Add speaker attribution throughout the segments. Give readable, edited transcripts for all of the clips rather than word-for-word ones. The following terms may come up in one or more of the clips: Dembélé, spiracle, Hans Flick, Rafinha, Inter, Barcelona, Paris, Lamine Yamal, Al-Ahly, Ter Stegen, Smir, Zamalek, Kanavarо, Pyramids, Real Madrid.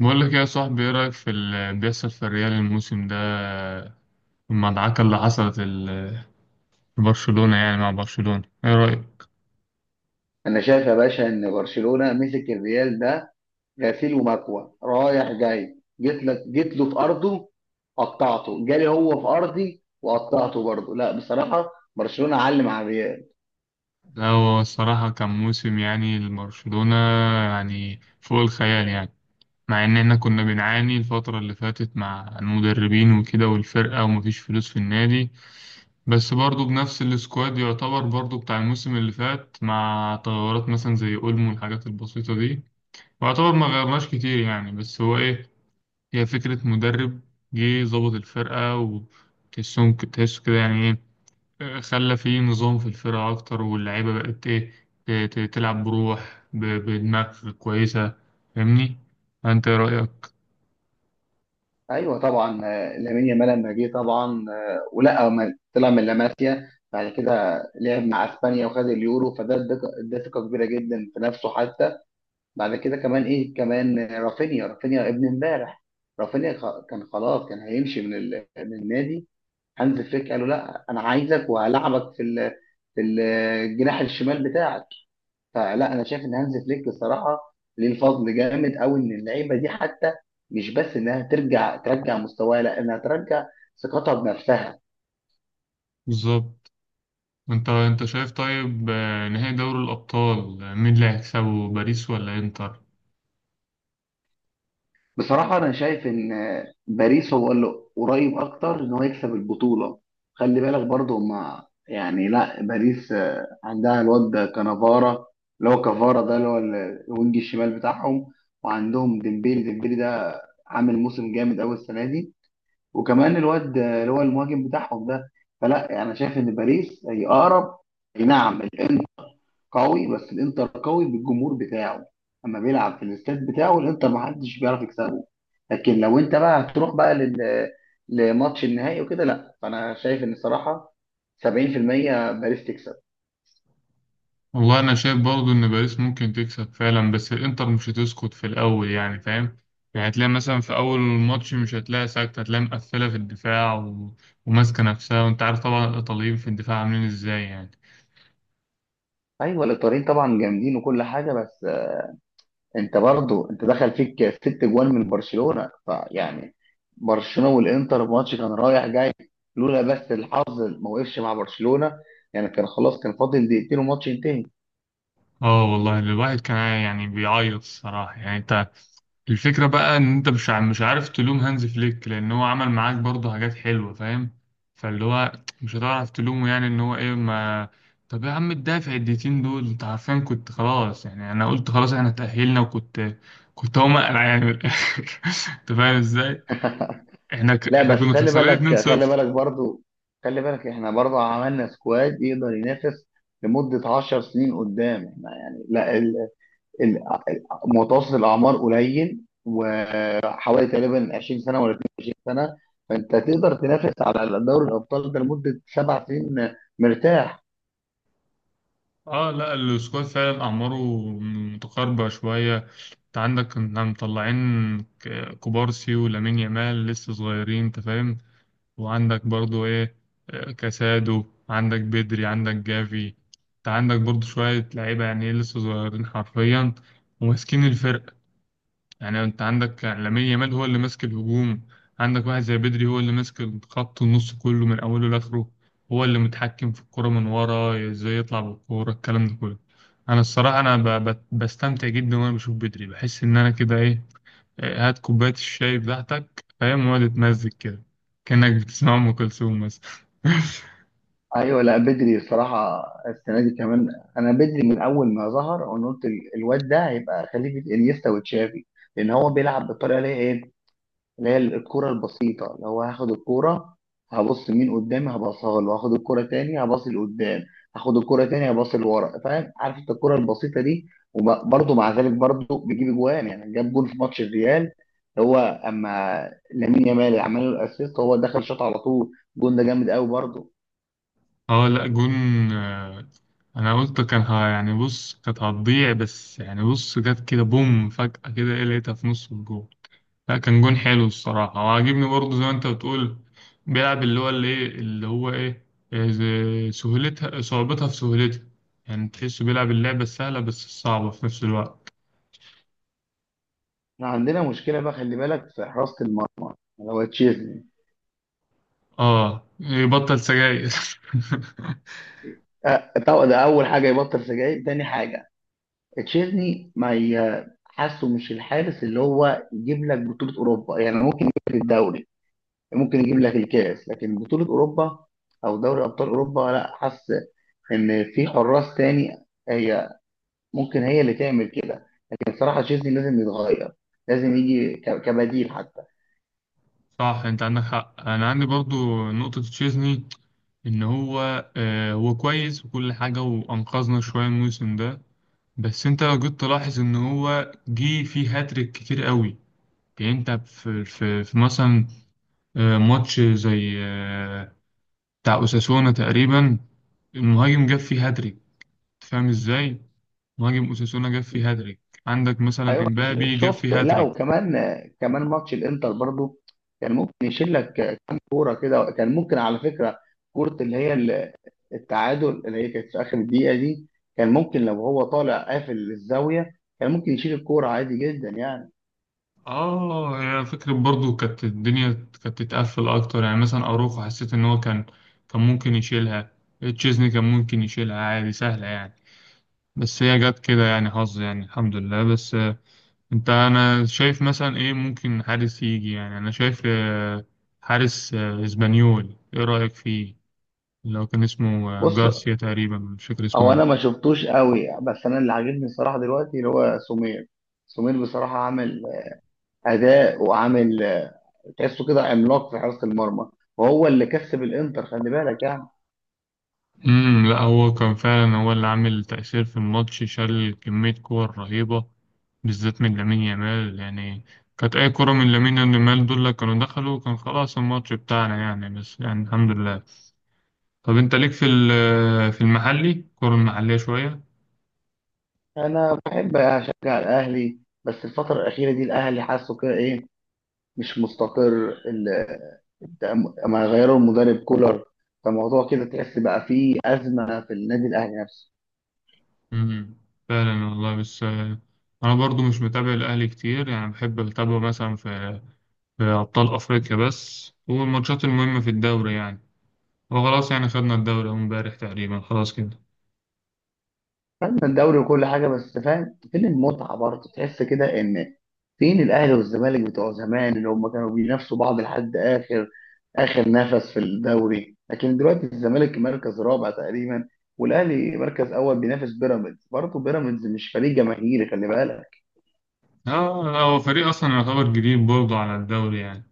Speaker 1: بقول لك إيه يا صاحبي، ايه رأيك في اللي بيحصل في الريال الموسم ده؟ المدعكة اللي حصلت في برشلونة، يعني مع برشلونة، ايه رأيك؟
Speaker 2: انا شايف يا باشا ان برشلونه مسك الريال ده غسيل ومكوى رايح جاي، جيت لك جيت له في ارضه قطعته، جالي هو في ارضي وقطعته برضه. لا بصراحه برشلونه علم على الريال.
Speaker 1: لا، هو الصراحة كان موسم يعني لبرشلونة، يعني فوق الخيال يعني. مع ان احنا كنا بنعاني الفترة اللي فاتت مع المدربين وكده، والفرقة، ومفيش فلوس في النادي. بس برضو بنفس السكواد، يعتبر برضو بتاع الموسم اللي فات، مع تغيرات مثلا زي اولمو والحاجات البسيطة دي. ويعتبر ما غيرناش كتير يعني، بس هو ايه، هي فكرة مدرب. جه ظبط الفرقة وتحسهم تحسه كده، يعني إيه، خلى في نظام في الفرقة أكتر، واللعيبة بقت إيه، تلعب بروح، بدماغ كويسة. فاهمني؟ أنت إيه رأيك؟
Speaker 2: ايوه طبعا، لامين يامال لما جه طبعا، ولا ما طلع من لاماسيا بعد كده لعب مع اسبانيا وخد اليورو، ده ثقه كبيره جدا في نفسه حتى. بعد كده كمان ايه كمان، رافينيا، رافينيا ابن امبارح. كان خلاص كان هيمشي من النادي. هانز فليك قال له لا انا عايزك وهلعبك في الجناح الشمال بتاعك. فلا انا شايف ان هانز فليك الصراحه ليه الفضل جامد قوي ان اللعيبه دي حتى مش بس انها ترجع ترجع مستواها، لا انها ترجع ثقتها بنفسها.
Speaker 1: بالظبط. أنت شايف، طيب، نهائي دوري الأبطال، مين اللي هيكسبه، باريس ولا إنتر؟
Speaker 2: بصراحة أنا شايف إن باريس هو اللي قريب أكتر إن هو يكسب البطولة. خلي بالك برضه هما يعني، لا باريس، عندها الواد ده كانافارا، اللي هو كافارا ده اللي هو الوينج الشمال بتاعهم. وعندهم ديمبيلي، ديمبيلي ده عامل موسم جامد أوي السنة دي. وكمان الواد، اللي هو المهاجم بتاعهم ده. فلا يعني أنا شايف إن باريس هي أقرب. أي نعم الإنتر قوي، بس الإنتر قوي بالجمهور بتاعه، أما بيلعب في الاستاد بتاعه الإنتر محدش بيعرف يكسبه. لكن لو انت بقى هتروح بقى لماتش النهائي وكده، لا فانا شايف ان الصراحه 70% باريس تكسب.
Speaker 1: والله انا شايف برضه ان باريس ممكن تكسب فعلا، بس الانتر مش هتسكت في الاول يعني، فاهم؟ يعني هتلاقي مثلا في اول الماتش مش هتلاقي ساكت، هتلاقي مقفله في الدفاع وماسكه نفسها، وانت عارف طبعا الايطاليين في الدفاع عاملين ازاي يعني.
Speaker 2: ايوه الايطاليين طبعا جامدين وكل حاجه، بس انت برضو انت دخل فيك ست جوان من برشلونه، فيعني برشلونه والانتر ماتش كان رايح جاي. لولا بس الحظ ما وقفش مع برشلونه، يعني كان خلاص كان فاضل دقيقتين والماتش ينتهي.
Speaker 1: اه والله، الواحد كان يعني بيعيط الصراحة يعني، انت الفكرة بقى ان انت مش عارف تلوم هانز فليك، لان هو عمل معاك برضه حاجات حلوة، فاهم؟ فاللي هو مش هتعرف تلومه يعني، ان هو ايه، ما. طب يا عم، الدافع الدقيقتين دول، انت عارفين كنت خلاص يعني، انا قلت خلاص احنا تأهلنا، وكنت هقوم اقلع يعني من الاخر انت فاهم ازاي.
Speaker 2: لا
Speaker 1: احنا
Speaker 2: بس
Speaker 1: كنا
Speaker 2: خلي
Speaker 1: خسرانين
Speaker 2: بالك خلي
Speaker 1: 2-0.
Speaker 2: بالك برضو، خلي بالك احنا برضو عملنا سكواد يقدر ينافس لمدة 10 سنين قدام. احنا يعني لا ال... متوسط الأعمار قليل، وحوالي تقريبا 20 سنة ولا 22 سنة، فأنت تقدر تنافس على دوري الأبطال ده لمدة 7 سنين مرتاح.
Speaker 1: اه لا، السكواد فعلا اعماره متقاربه شويه. انت عندك كنا مطلعين كوبارسي ولامين يامال لسه صغيرين، انت فاهم، وعندك برضو ايه، كاسادو، عندك بدري، عندك جافي. انت عندك برضو شويه لعيبه يعني إيه لسه صغيرين حرفيا، وماسكين الفرقه. يعني انت عندك لامين يامال هو اللي ماسك الهجوم، عندك واحد زي بدري هو اللي ماسك خط النص كله من اوله لاخره، هو اللي متحكم في الكرة من ورا ازاي يطلع بالكورة، الكلام ده كله. انا الصراحة، انا بستمتع جدا وانا بشوف بدري، بحس ان انا كده ايه، إيه، هات كوباية الشاي بتاعتك، فاهم، وقعد تمزج كده كأنك بتسمع ام كلثوم مثلا.
Speaker 2: أيوه لا بدري الصراحة السنة دي كمان، أنا بدري من أول ما ظهر أنا قلت الواد ده هيبقى خليفة إنيستا وتشافي، لأن هو بيلعب بالطريقة اللي هي إيه، اللي هي الكرة البسيطة. اللي هو هاخد الكرة هبص مين قدامي هبصها له، هاخد الكرة تاني هبص لقدام، هاخد الكرة تاني هبص لورا، فاهم؟ عارف انت الكرة البسيطة دي. وبرضه مع ذلك برضه بيجيب اجوان، يعني جاب جول في ماتش الريال، هو اما لامين يامال اللي عمل له الاسيست هو دخل شاط على طول. الجون ده جامد قوي برضه.
Speaker 1: اه لا، جون، آه، انا قلت كان ها يعني، بص كانت هتضيع بس، يعني بص جت كده بوم فجأة كده ايه، لقيتها في نص الجون. لا كان جون حلو الصراحة، وعاجبني برضه زي ما انت بتقول، بيلعب اللي هو اللي ايه اللي هو ايه، إيه سهولتها صعوبتها في سهولتها، يعني تحسه بيلعب اللعبة السهلة بس الصعبة في نفس الوقت.
Speaker 2: احنا عندنا مشكلة بقى، خلي بالك، في حراسة المرمى اللي هو تشيزني.
Speaker 1: اه، يبطل سجاير.
Speaker 2: أه طبعا ده اول حاجة يبطل سجاير، تاني حاجة تشيزني ما ي- حاسه مش الحارس اللي هو يجيب لك بطولة أوروبا، يعني ممكن يجيب لك الدوري، ممكن يجيب لك الكاس، لكن بطولة أوروبا أو دوري أبطال أوروبا لا. حاسس إن في حراس تاني هي ممكن هي اللي تعمل كده، لكن الصراحة تشيزني لازم يتغير، لازم يجي كبديل حتى.
Speaker 1: صح، انت عندك حق، انا عندي برضو نقطة تشيزني، ان هو هو كويس وكل حاجة، وانقذنا شوية الموسم ده، بس انت لو جيت تلاحظ ان هو جه فيه هاتريك كتير قوي. يعني انت في مثلا ماتش زي بتاع أوساسونا تقريبا، المهاجم جاب فيه هاتريك، فاهم ازاي؟ مهاجم أوساسونا جاب فيه هاتريك، عندك مثلا
Speaker 2: ايوه
Speaker 1: امبابي جاب
Speaker 2: شفت،
Speaker 1: فيه
Speaker 2: لا
Speaker 1: هاتريك.
Speaker 2: وكمان، ماتش الانتر برضو كان ممكن يشيل لك كام كوره كده، كان ممكن على فكره كوره اللي هي التعادل اللي هي كانت في اخر الدقيقه دي، كان ممكن لو هو طالع قافل الزاويه كان ممكن يشيل الكوره عادي جدا يعني.
Speaker 1: اه، هي فكرة برضو، كانت الدنيا كانت تتقفل اكتر يعني، مثلا اروخو حسيت ان هو كان ممكن يشيلها، تشيزني كان ممكن يشيلها عادي، سهلة يعني، بس هي جت كده يعني حظ، يعني الحمد لله، بس انت، انا شايف مثلا ايه ممكن حارس يجي، يعني انا شايف حارس اسبانيول، ايه رأيك فيه، لو كان اسمه
Speaker 2: بص،
Speaker 1: جارسيا تقريبا، مش فاكر اسمه
Speaker 2: هو
Speaker 1: ايه.
Speaker 2: انا ما شفتوش قوي، بس انا اللي عاجبني الصراحه دلوقتي اللي هو سمير. سمير بصراحه عامل اداء وعامل، تحسه كده عملاق في حراسه المرمى، وهو اللي كسب الانتر، خلي بالك يعني.
Speaker 1: لا، هو كان فعلا هو اللي عامل تأثير في الماتش، شال كمية كور رهيبة، بالذات من لامين يامال يعني، كانت اي كرة من لامين يامال دول اللي كانوا دخلوا كان خلاص الماتش بتاعنا يعني، بس يعني الحمد لله. طب انت ليك في في المحلي، الكرة المحلية شوية؟
Speaker 2: انا بحب اشجع الاهلي، بس الفتره الاخيره دي الاهلي حاسه كده ايه، مش مستقر. ال- ما غيروا المدرب كولر، فالموضوع كده تحس بقى فيه ازمه في النادي الاهلي نفسه.
Speaker 1: مم. فعلا والله، بس انا برضو مش متابع الاهلي كتير يعني، بحب اتابعه مثلا في ابطال افريقيا بس، والماتشات المهمه في الدوري يعني، وخلاص يعني، خدنا الدوري أهو امبارح تقريبا، خلاص كده.
Speaker 2: فاهم الدوري وكل حاجه، بس فاهم فين المتعه برضه؟ تحس كده ان فين الاهلي والزمالك بتوع زمان اللي هم كانوا بينافسوا بعض لحد اخر اخر نفس في الدوري، لكن دلوقتي الزمالك مركز رابع تقريبا، والاهلي مركز اول بينافس بيراميدز، برضه بيراميدز مش فريق جماهيري خلي بالك.
Speaker 1: اه، هو فريق اصلا يعتبر جديد برضه على الدوري يعني.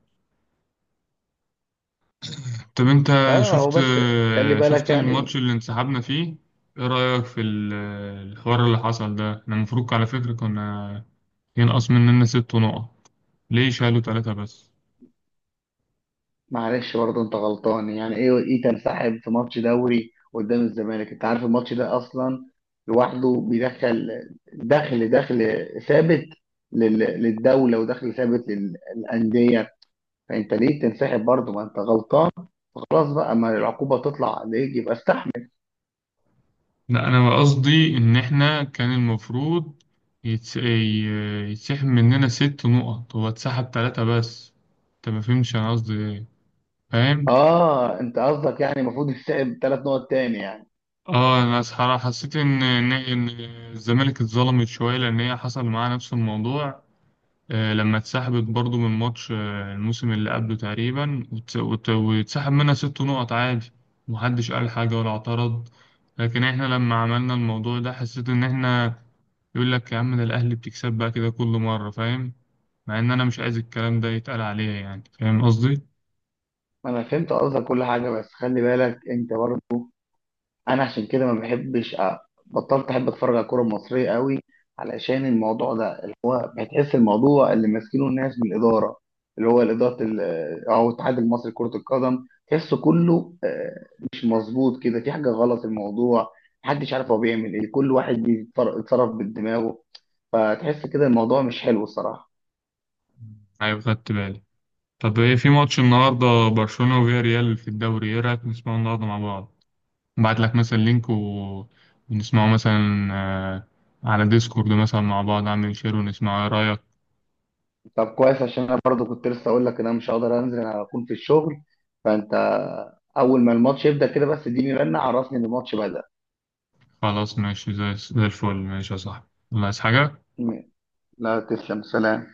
Speaker 1: طب انت
Speaker 2: اه هو بس خلي
Speaker 1: شفت
Speaker 2: بالك
Speaker 1: الماتش
Speaker 2: يعني.
Speaker 1: اللي انسحبنا فيه، ايه رايك في الحوار اللي حصل ده؟ احنا المفروض على فكره كنا ينقص مننا 6 نقط، ليه شالوا 3 بس؟
Speaker 2: معلش برضه انت غلطان، يعني ايه، تنسحب في ماتش دوري قدام الزمالك؟ انت عارف الماتش ده اصلا لوحده بيدخل، دخل دخل ثابت للدوله ودخل ثابت للانديه. فانت ليه تنسحب برضه؟ ما انت غلطان، خلاص بقى، ما العقوبه تطلع عليك يبقى استحمل.
Speaker 1: لا، انا قصدي ان احنا كان المفروض يتسحب مننا 6 نقط، هو اتسحب 3 بس، انت ما فهمتش انا قصدي ايه، فاهم؟
Speaker 2: اه انت قصدك يعني المفروض تنسحب 3 نقط تاني يعني.
Speaker 1: اه، انا صراحة حسيت ان إن الزمالك اتظلمت شوية، لان هي حصل معاها نفس الموضوع، لما اتسحبت برضو من ماتش الموسم اللي قبله تقريبا، واتسحب منها 6 نقط عادي، محدش قال حاجة ولا اعترض. لكن احنا لما عملنا الموضوع ده، حسيت ان احنا، يقول لك يا عم ده الأهلي بتكسب بقى كده كل مرة، فاهم، مع إن أنا مش عايز الكلام ده يتقال عليا يعني، فاهم قصدي؟
Speaker 2: انا فهمت قصدك كل حاجه، بس خلي بالك انت برضه، انا عشان كده ما بحبش بطلت احب اتفرج على الكوره المصريه قوي علشان الموضوع ده. هتحس الموضوع اللي ماسكينه الناس من الاداره، اللي هو الاداره او الاتحاد المصري لكره القدم، تحسه كله مش مظبوط، كده في حاجه غلط في الموضوع. محدش عارف هو بيعمل ايه، كل واحد يتصرف بدماغه، فتحس كده الموضوع مش حلو الصراحه.
Speaker 1: أيوة، خدت بالي. طب إيه في ماتش النهاردة، برشلونة وفيا ريال في الدوري، إيه رأيك نسمعه النهاردة مع بعض؟ نبعت لك مثلا لينك، ونسمعه مثلا على ديسكورد مثلا مع بعض، أعمل شير، ونسمعه، إيه رأيك؟
Speaker 2: طب كويس، عشان انا برضو كنت لسه اقول لك ان انا مش هقدر انزل، انا هكون في الشغل. فانت اول ما الماتش يبدا كده بس اديني رنه عرفني ان الماتش بدا.
Speaker 1: خلاص ماشي، زي الفل، ماشي يا صاحبي. الله، عايز حاجة؟
Speaker 2: لا تسلم، سلام.